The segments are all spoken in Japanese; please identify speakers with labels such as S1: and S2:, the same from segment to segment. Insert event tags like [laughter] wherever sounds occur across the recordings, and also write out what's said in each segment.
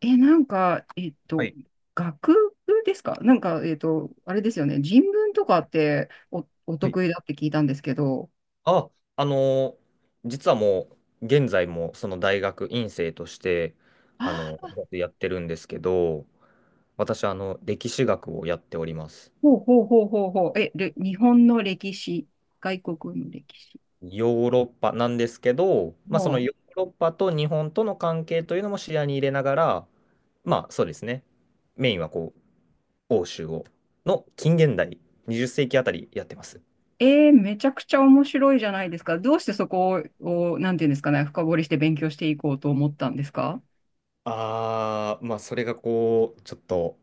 S1: なんか、
S2: はい。
S1: 学部ですか、なんか、あれですよね。人文とかってお
S2: はい。
S1: 得意だって聞いたんですけど。
S2: あ、あのー実はもう、現在もその大学院生として、
S1: あ
S2: あの
S1: あ、
S2: やってるんですけど、私は歴史学をやっております。
S1: ほうほうほうほうほう。日本の歴史、外国の歴史。
S2: ヨーロッパなんですけど、まあ、その
S1: も
S2: ヨーロッパと日本との関係というのも視野に入れながら、まあ、そうですね。メインはこう、欧州を、の近現代、20世紀あたりやってます。
S1: う、めちゃくちゃ面白いじゃないですか。どうしてそこをなんていうんですかね、深掘りして勉強していこうと思ったんですか？
S2: ああ、まあ、それがこう、ちょっと、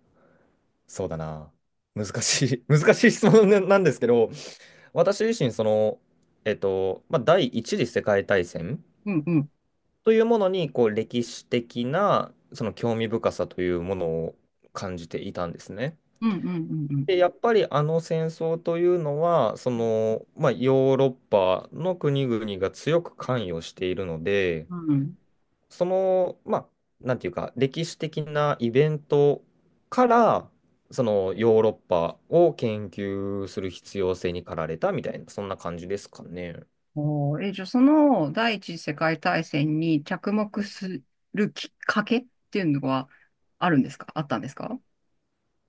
S2: そうだな。難しい、[laughs] 難しい質問なんですけど、私自身、その、まあ、第一次世界大戦
S1: うんうん。
S2: というものに、こう、歴史的な、その興味深さというものを感じていたんですね。
S1: うんうんうん
S2: で、やっぱりあの戦争というのは、その、まあ、ヨーロッパの国々が強く関与しているので、
S1: うん。うん。
S2: その、まあ、なんていうか、歴史的なイベントから、そのヨーロッパを研究する必要性に駆られたみたいな、そんな感じですかね。
S1: おー。じゃあ、その第一次世界大戦に着目するきっかけっていうのはあるんですか、あったんですか？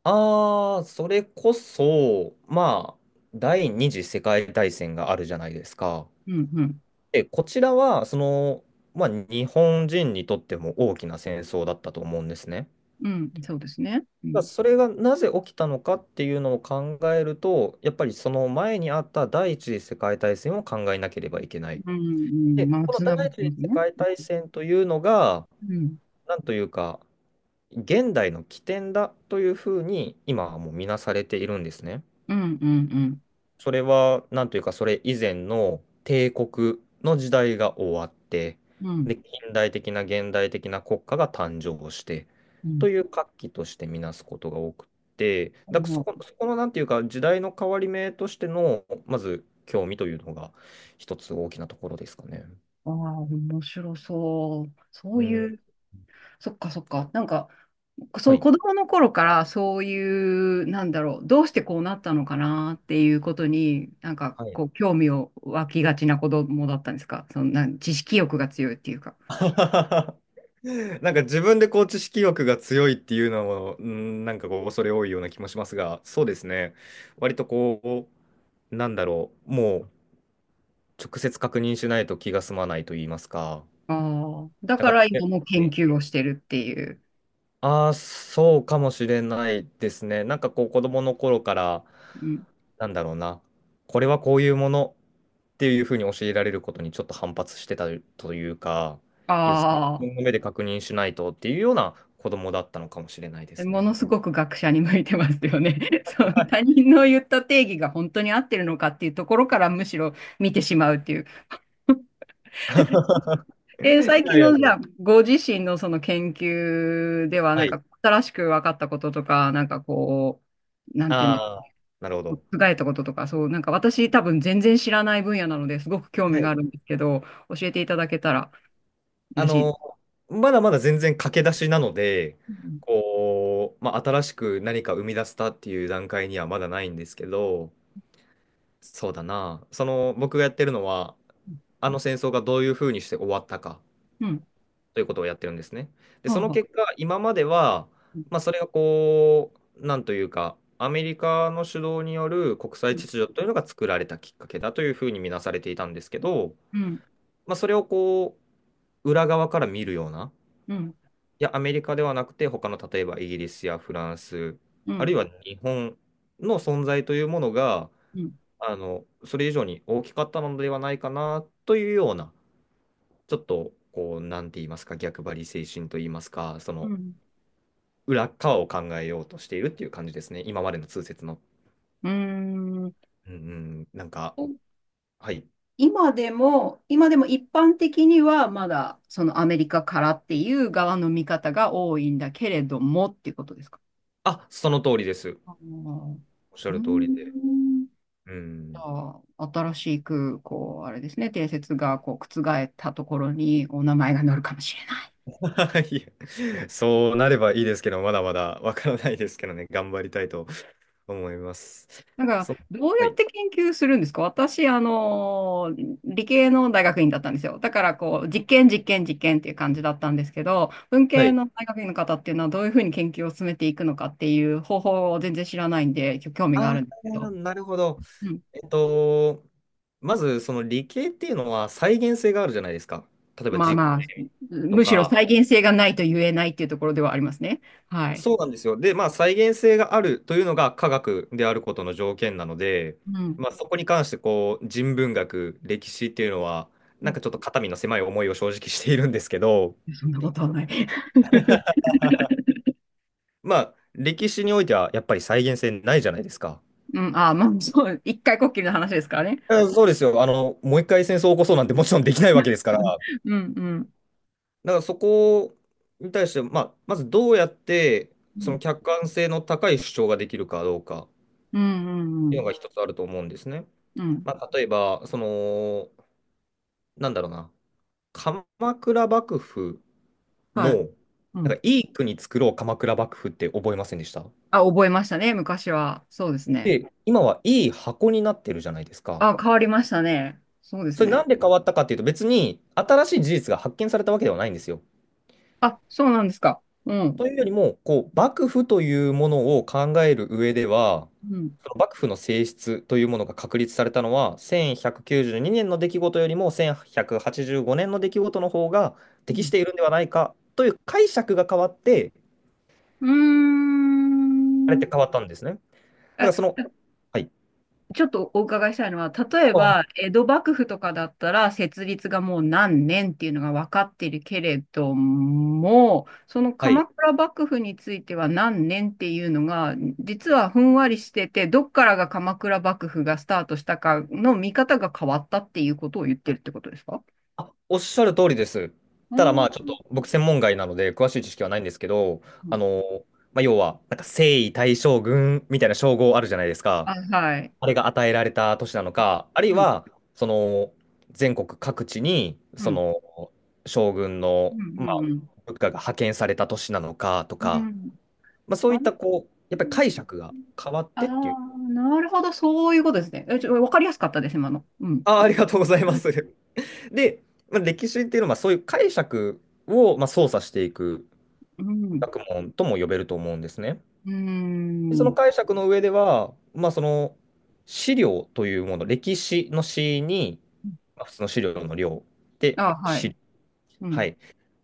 S2: ああ、それこそ、まあ、第二次世界大戦があるじゃないですか。
S1: うん、うん。
S2: で、こちらは、その、まあ、日本人にとっても大きな戦争だったと思うんですね。
S1: うん、そうですね。う
S2: だ
S1: ん、
S2: それがなぜ起きたのかっていうのを考えると、やっぱりその前にあった第一次世界大戦を考えなければいけない。
S1: うん、う
S2: で、
S1: ん。まあ、
S2: この
S1: つ
S2: 第
S1: ながって
S2: 一
S1: ま
S2: 次
S1: す
S2: 世
S1: ね。
S2: 界大戦というのが、
S1: うん、
S2: なんというか、現代の起点だというふうに今はもう見なされているんですね。
S1: うん、うん、うん、
S2: それは、なんというか、それ以前の帝国の時代が終わって、
S1: うん。
S2: で、近代的な現代的な国家が誕生して、
S1: う
S2: と
S1: ん。
S2: いう活気としてみなすことが多くて、だからそこの、なんていうか、時代の変わり目としての、まず、興味というのが、一つ大きなところですかね。
S1: ああー、面白そう。そう
S2: うん。
S1: いう、そっかそっか。なんか、そ
S2: は
S1: う、
S2: い。
S1: 子供の頃からそういう、なんだろう、どうしてこうなったのかなっていうことに、なんか
S2: はい。
S1: こう、興味を湧きがちな子供だったんですか？そんな知識欲が強いっていうか。
S2: [laughs] なんか自分でこう知識欲が強いっていうのも、うん、なんかこう恐れ多いような気もしますが、そうですね。割となんだろう、もう直接確認しないと気が済まないと言いますか。
S1: ああ、だ
S2: なん
S1: か
S2: か
S1: ら
S2: これ、
S1: 今も研究をしてるっていう。
S2: ああ、そうかもしれないですね。なんかこう子供の頃から、
S1: うん。
S2: なんだろうな、これはこういうものっていうふうに教えられることにちょっと反発してたというか、いや、自
S1: あ
S2: 分の目で確認しないとっていうような子供だったのかもしれないで
S1: あ、
S2: す
S1: もの
S2: ね。
S1: すごく学者に向いてますよね。[laughs] そう、
S2: はい
S1: 他人の言った定義が本当に合ってるのかっていうところからむしろ見てしまうっていう。
S2: [laughs] いやい
S1: 最近
S2: やいや
S1: の、じゃあ、ご自身のその研究では、な
S2: は
S1: ん
S2: い。
S1: か、新しく分かったこととか、なんかこう、なん
S2: あ
S1: ていうんです
S2: あ、
S1: か、
S2: なるほど。
S1: 覆えたこととか、そう、なんか私多分全然知らない分野なのですごく興味
S2: は
S1: があ
S2: い
S1: るんですけど、教えていただけたら
S2: あ
S1: 嬉し
S2: の、
S1: い。
S2: まだまだ全然駆け出しなので、
S1: うん。
S2: こう、まあ、新しく何か生み出したっていう段階にはまだないんですけど、そうだな、その僕がやってるのは、あの戦争がどういうふうにして終わったか
S1: うん。うん。
S2: ということをやってるんですね。で、
S1: は
S2: そ
S1: あ
S2: の
S1: は
S2: 結
S1: あ。
S2: 果、今までは、
S1: うん。
S2: まあ、それがこう、なんというか、アメリカの主導による国際
S1: う
S2: 秩序というのが作られたきっかけだというふうに見なされていたんですけど、
S1: ん。
S2: まあ、それをこう、裏側から見るような、
S1: うん。
S2: いや、アメリカではなくて、他の例えばイギリスやフランス、
S1: うん。う
S2: あるい
S1: ん。
S2: は日本の存在というものが、
S1: うん。
S2: それ以上に大きかったのではないかなというような、ちょっと、こう、なんて言いますか、逆張り精神と言いますか、そ
S1: う
S2: の
S1: ん。
S2: 裏側を考えようとしているっていう感じですね、今までの通説の。
S1: うーん。
S2: うんうん、なんか、はい。
S1: 今でも、今でも一般的にはまだそのアメリカからっていう側の見方が多いんだけれどもっていうことですか？
S2: あ、その通りです。
S1: あー、う
S2: おっしゃ
S1: ー
S2: る通りで。
S1: ん。じ
S2: う
S1: ゃ
S2: ん
S1: あ、新しく、こう、あれですね、定説がこう覆ったところにお名前が載るかもしれない。
S2: [laughs] いやそうなればいいですけど、まだまだわからないですけどね、[laughs] 頑張りたいと思います。
S1: なんか、
S2: そ、
S1: どう
S2: は
S1: やっ
S2: い。
S1: て研究するんですか？私、あの、理系の大学院だったんですよ。だから、こう、実験、実験、実験っていう感じだったんですけど、文
S2: は
S1: 系
S2: い。
S1: の大学院の方っていうのは、どういうふうに研究を進めていくのかっていう方法を全然知らないんで、興味があ
S2: あ
S1: るんですけ
S2: あ、
S1: ど、
S2: なるほど。
S1: うん、
S2: えっと、まず、その理系っていうのは再現性があるじゃないですか。例えば
S1: まあ
S2: 実
S1: まあ、
S2: 験と
S1: むしろ
S2: か。
S1: 再現性がないと言えないっていうところではありますね。はい。
S2: そうなんですよ。で、まあ、再現性があるというのが科学であることの条件なので、
S1: うん。
S2: まあ、そこに関して、こう、人文学、歴史っていうのは、
S1: う
S2: なん
S1: ん。
S2: かちょっと肩身の狭い思いを正直しているんですけど、
S1: そんなことはない。[laughs]
S2: まあ、歴史においてはやっぱり再現性ないじゃないですか。
S1: うん、ああ、まあ、そう、一回こっきりの話ですからね。
S2: あそうですよ。もう一回戦争を起こそうなんてもちろんできないわけですから。
S1: うん、うん、うん、
S2: だからそこに対して、まあ、まずどうやって、その客観性の高い主張ができるかどうかっ
S1: うん、うん、う
S2: てい
S1: ん。
S2: うのが一つあると思うんですね。
S1: うん。
S2: まあ、例えば、その、なんだろうな、鎌倉幕府
S1: はい。
S2: の、
S1: う
S2: なん
S1: ん。
S2: かいい国作ろう鎌倉幕府って覚えませんでした
S1: あ、覚えましたね、昔は。そうですね。
S2: で、今はいい箱になってるじゃないですか。
S1: あ、変わりましたね。そうです
S2: それな
S1: ね。
S2: んで変わったかっていうと、別に新しい事実が発見されたわけではないんですよ。
S1: あ、そうなんですか。うん。
S2: というよりも、こう、幕府というものを考える上では、
S1: うん。
S2: その幕府の性質というものが確立されたのは、1192年の出来事よりも1185年の出来事の方が適して
S1: う
S2: いるんではないかという解釈が変わって、あれっ
S1: ん。うーん。
S2: て変わったんですね。だからそ
S1: あ、
S2: の、はい。
S1: ちょっとお伺いしたいのは、例え
S2: あ、
S1: ば、江戸幕府とかだったら、設立がもう何年っていうのが分かっているけれども、その
S2: はい。
S1: 鎌倉幕府については何年っていうのが、実はふんわりしてて、どっからが鎌倉幕府がスタートしたかの見方が変わったっていうことを言ってるってことですか？
S2: あ、おっしゃる通りです。
S1: う
S2: ただまあちょっ
S1: ん。
S2: と僕専門外なので詳しい知識はないんですけど、あの、まあ、要はなんか征夷大将軍みたいな称号あるじゃないですか。
S1: あ、はい。
S2: あれが与えられた都市なのか、あるい
S1: うん、
S2: はその全国各地に
S1: う
S2: そ
S1: ん、
S2: の将軍
S1: う
S2: の、ま
S1: ん、
S2: あ、
S1: うん、うん。
S2: 部下が派遣された都市なのかと
S1: う
S2: か、
S1: ん。
S2: まあ、そう
S1: あ
S2: いったこう、やっぱり解釈が変わっ
S1: あ
S2: てっていう。
S1: あ、なるほど、そういうことですね。え、ちょ、わかりやすかったです、今の。うん。
S2: あ、ありがとうございます。[laughs] で、まあ、歴史っていうのはまあそういう解釈をまあ操作していく。
S1: うん。
S2: 学問とも呼べると思うんですね。
S1: う
S2: でその
S1: ん。
S2: 解釈の上では、まあ、その資料というもの、歴史の史に、まあ、普通の資料の量で、
S1: あ、はい。
S2: 史、
S1: う
S2: は
S1: ん。
S2: い、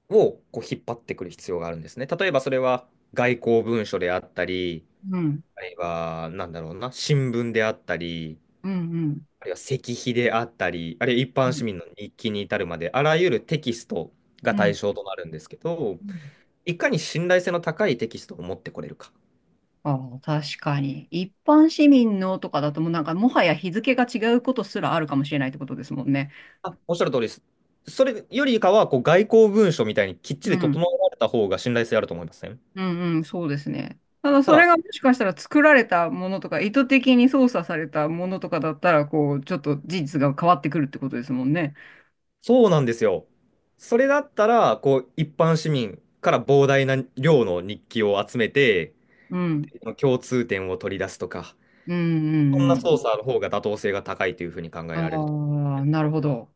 S2: をこう引っ張ってくる必要があるんですね。例えばそれは外交文書であったり、
S1: うん。
S2: あるいは、なんだろうな、新聞であったり、
S1: うん。うん。
S2: あるいは石碑であったり、あるいは一般市民の日記に至るまで、あらゆるテキストが
S1: う
S2: 対
S1: ん。
S2: 象となるんですけど、
S1: うん。
S2: いかに信頼性の高いテキストを持ってこれるか。
S1: ああ、確かに。一般市民のとかだともうなんかもはや日付が違うことすらあるかもしれないってことですもんね。
S2: あ、おっしゃる通りです。それよりかは、こう、外交文書みたいにきっち
S1: う
S2: り
S1: ん。
S2: 整えられた方が信頼性あると思いますね。
S1: うんうん、そうですね。ただ、
S2: た
S1: それ
S2: だ、
S1: がもしかしたら作られたものとか意図的に操作されたものとかだったら、こうちょっと事実が変わってくるってことですもんね。
S2: そうなんですよ。それだったら、こう、一般市民から膨大な量の日記を集めて、
S1: うん。
S2: 共通点を取り出すとか、
S1: うんう
S2: そん
S1: ん
S2: な
S1: う
S2: 操
S1: ん。
S2: 作の方が妥当性が高いというふうに考えられると。
S1: ああ、なるほど。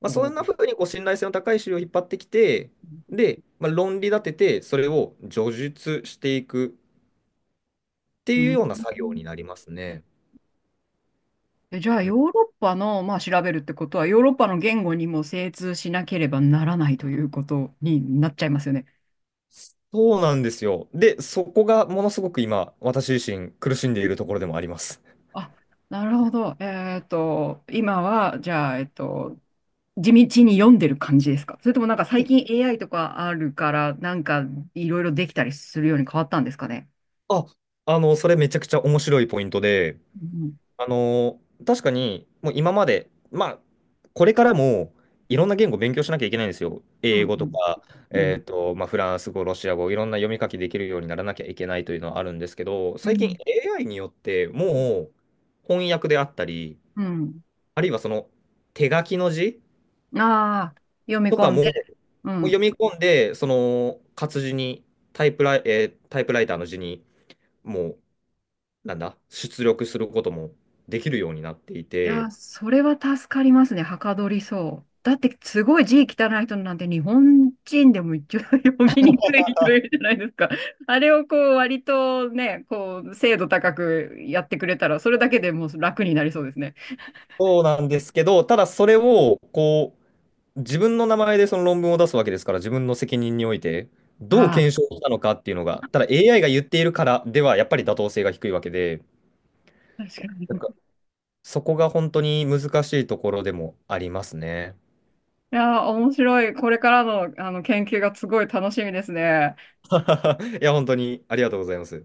S2: まあ、そ
S1: お
S2: んなふ
S1: ー。
S2: うにこう信頼性の高い資料を引っ張ってきて、で、まあ、論理立てて、それを叙述していくって
S1: う
S2: いう
S1: ん。
S2: ような作業になりますね。
S1: え、じゃあ、
S2: う
S1: ヨ
S2: ん
S1: ーロッパの、まあ、調べるってことは、ヨーロッパの言語にも精通しなければならないということになっちゃいますよね。
S2: そうなんですよ。で、そこがものすごく今、私自身苦しんでいるところでもあります。
S1: あ、なるほど。今は、じゃあ、地道に読んでる感じですか？それともなんか最近 AI とかあるから、なんかいろいろできたりするように変わったんですかね。
S2: あ、それめちゃくちゃ面白いポイントで、
S1: うん、
S2: あの、確かに、もう今まで、まあ、これからもいろんな言語勉強しなきゃいけないんですよ。
S1: う
S2: 英
S1: ん、
S2: 語
S1: う
S2: と
S1: ん、
S2: か、
S1: うん、
S2: まあ、フランス語、ロシア語、いろんな読み書きできるようにならなきゃいけないというのはあるんですけど、
S1: う
S2: 最近
S1: ん。
S2: AI によってもう翻訳であったり、
S1: うん。
S2: あるいはその手書きの字
S1: ああ、読み
S2: と
S1: 込
S2: か
S1: ん
S2: も、
S1: で。
S2: も
S1: う
S2: う読
S1: ん。
S2: み込んで、その活字にタイプライターの字に、もう、なんだ、出力することもできるようになってい
S1: いや、
S2: て、
S1: それは助かりますね。はかどりそう。だって、すごい字汚い人なんて、日本人でも一応 [laughs] 読みにくい人いるじゃないですか。あれをこう、割とね、こう、精度高くやってくれたら、それだけでもう楽になりそうですね。
S2: そうなんですけど、ただそれを、こう、自分の名前でその論文を出すわけですから、自分の責任において、どう
S1: あ
S2: 検証したのかっていうのが、ただ AI が言っているからでは、やっぱり妥当性が低いわけで、
S1: あ、確か
S2: なん
S1: に。
S2: かそこが本当に難しいところでもありますね。
S1: いやー、面白い。これからの、あの研究がすごい楽しみですね。
S2: [laughs] いや、本当にありがとうございます。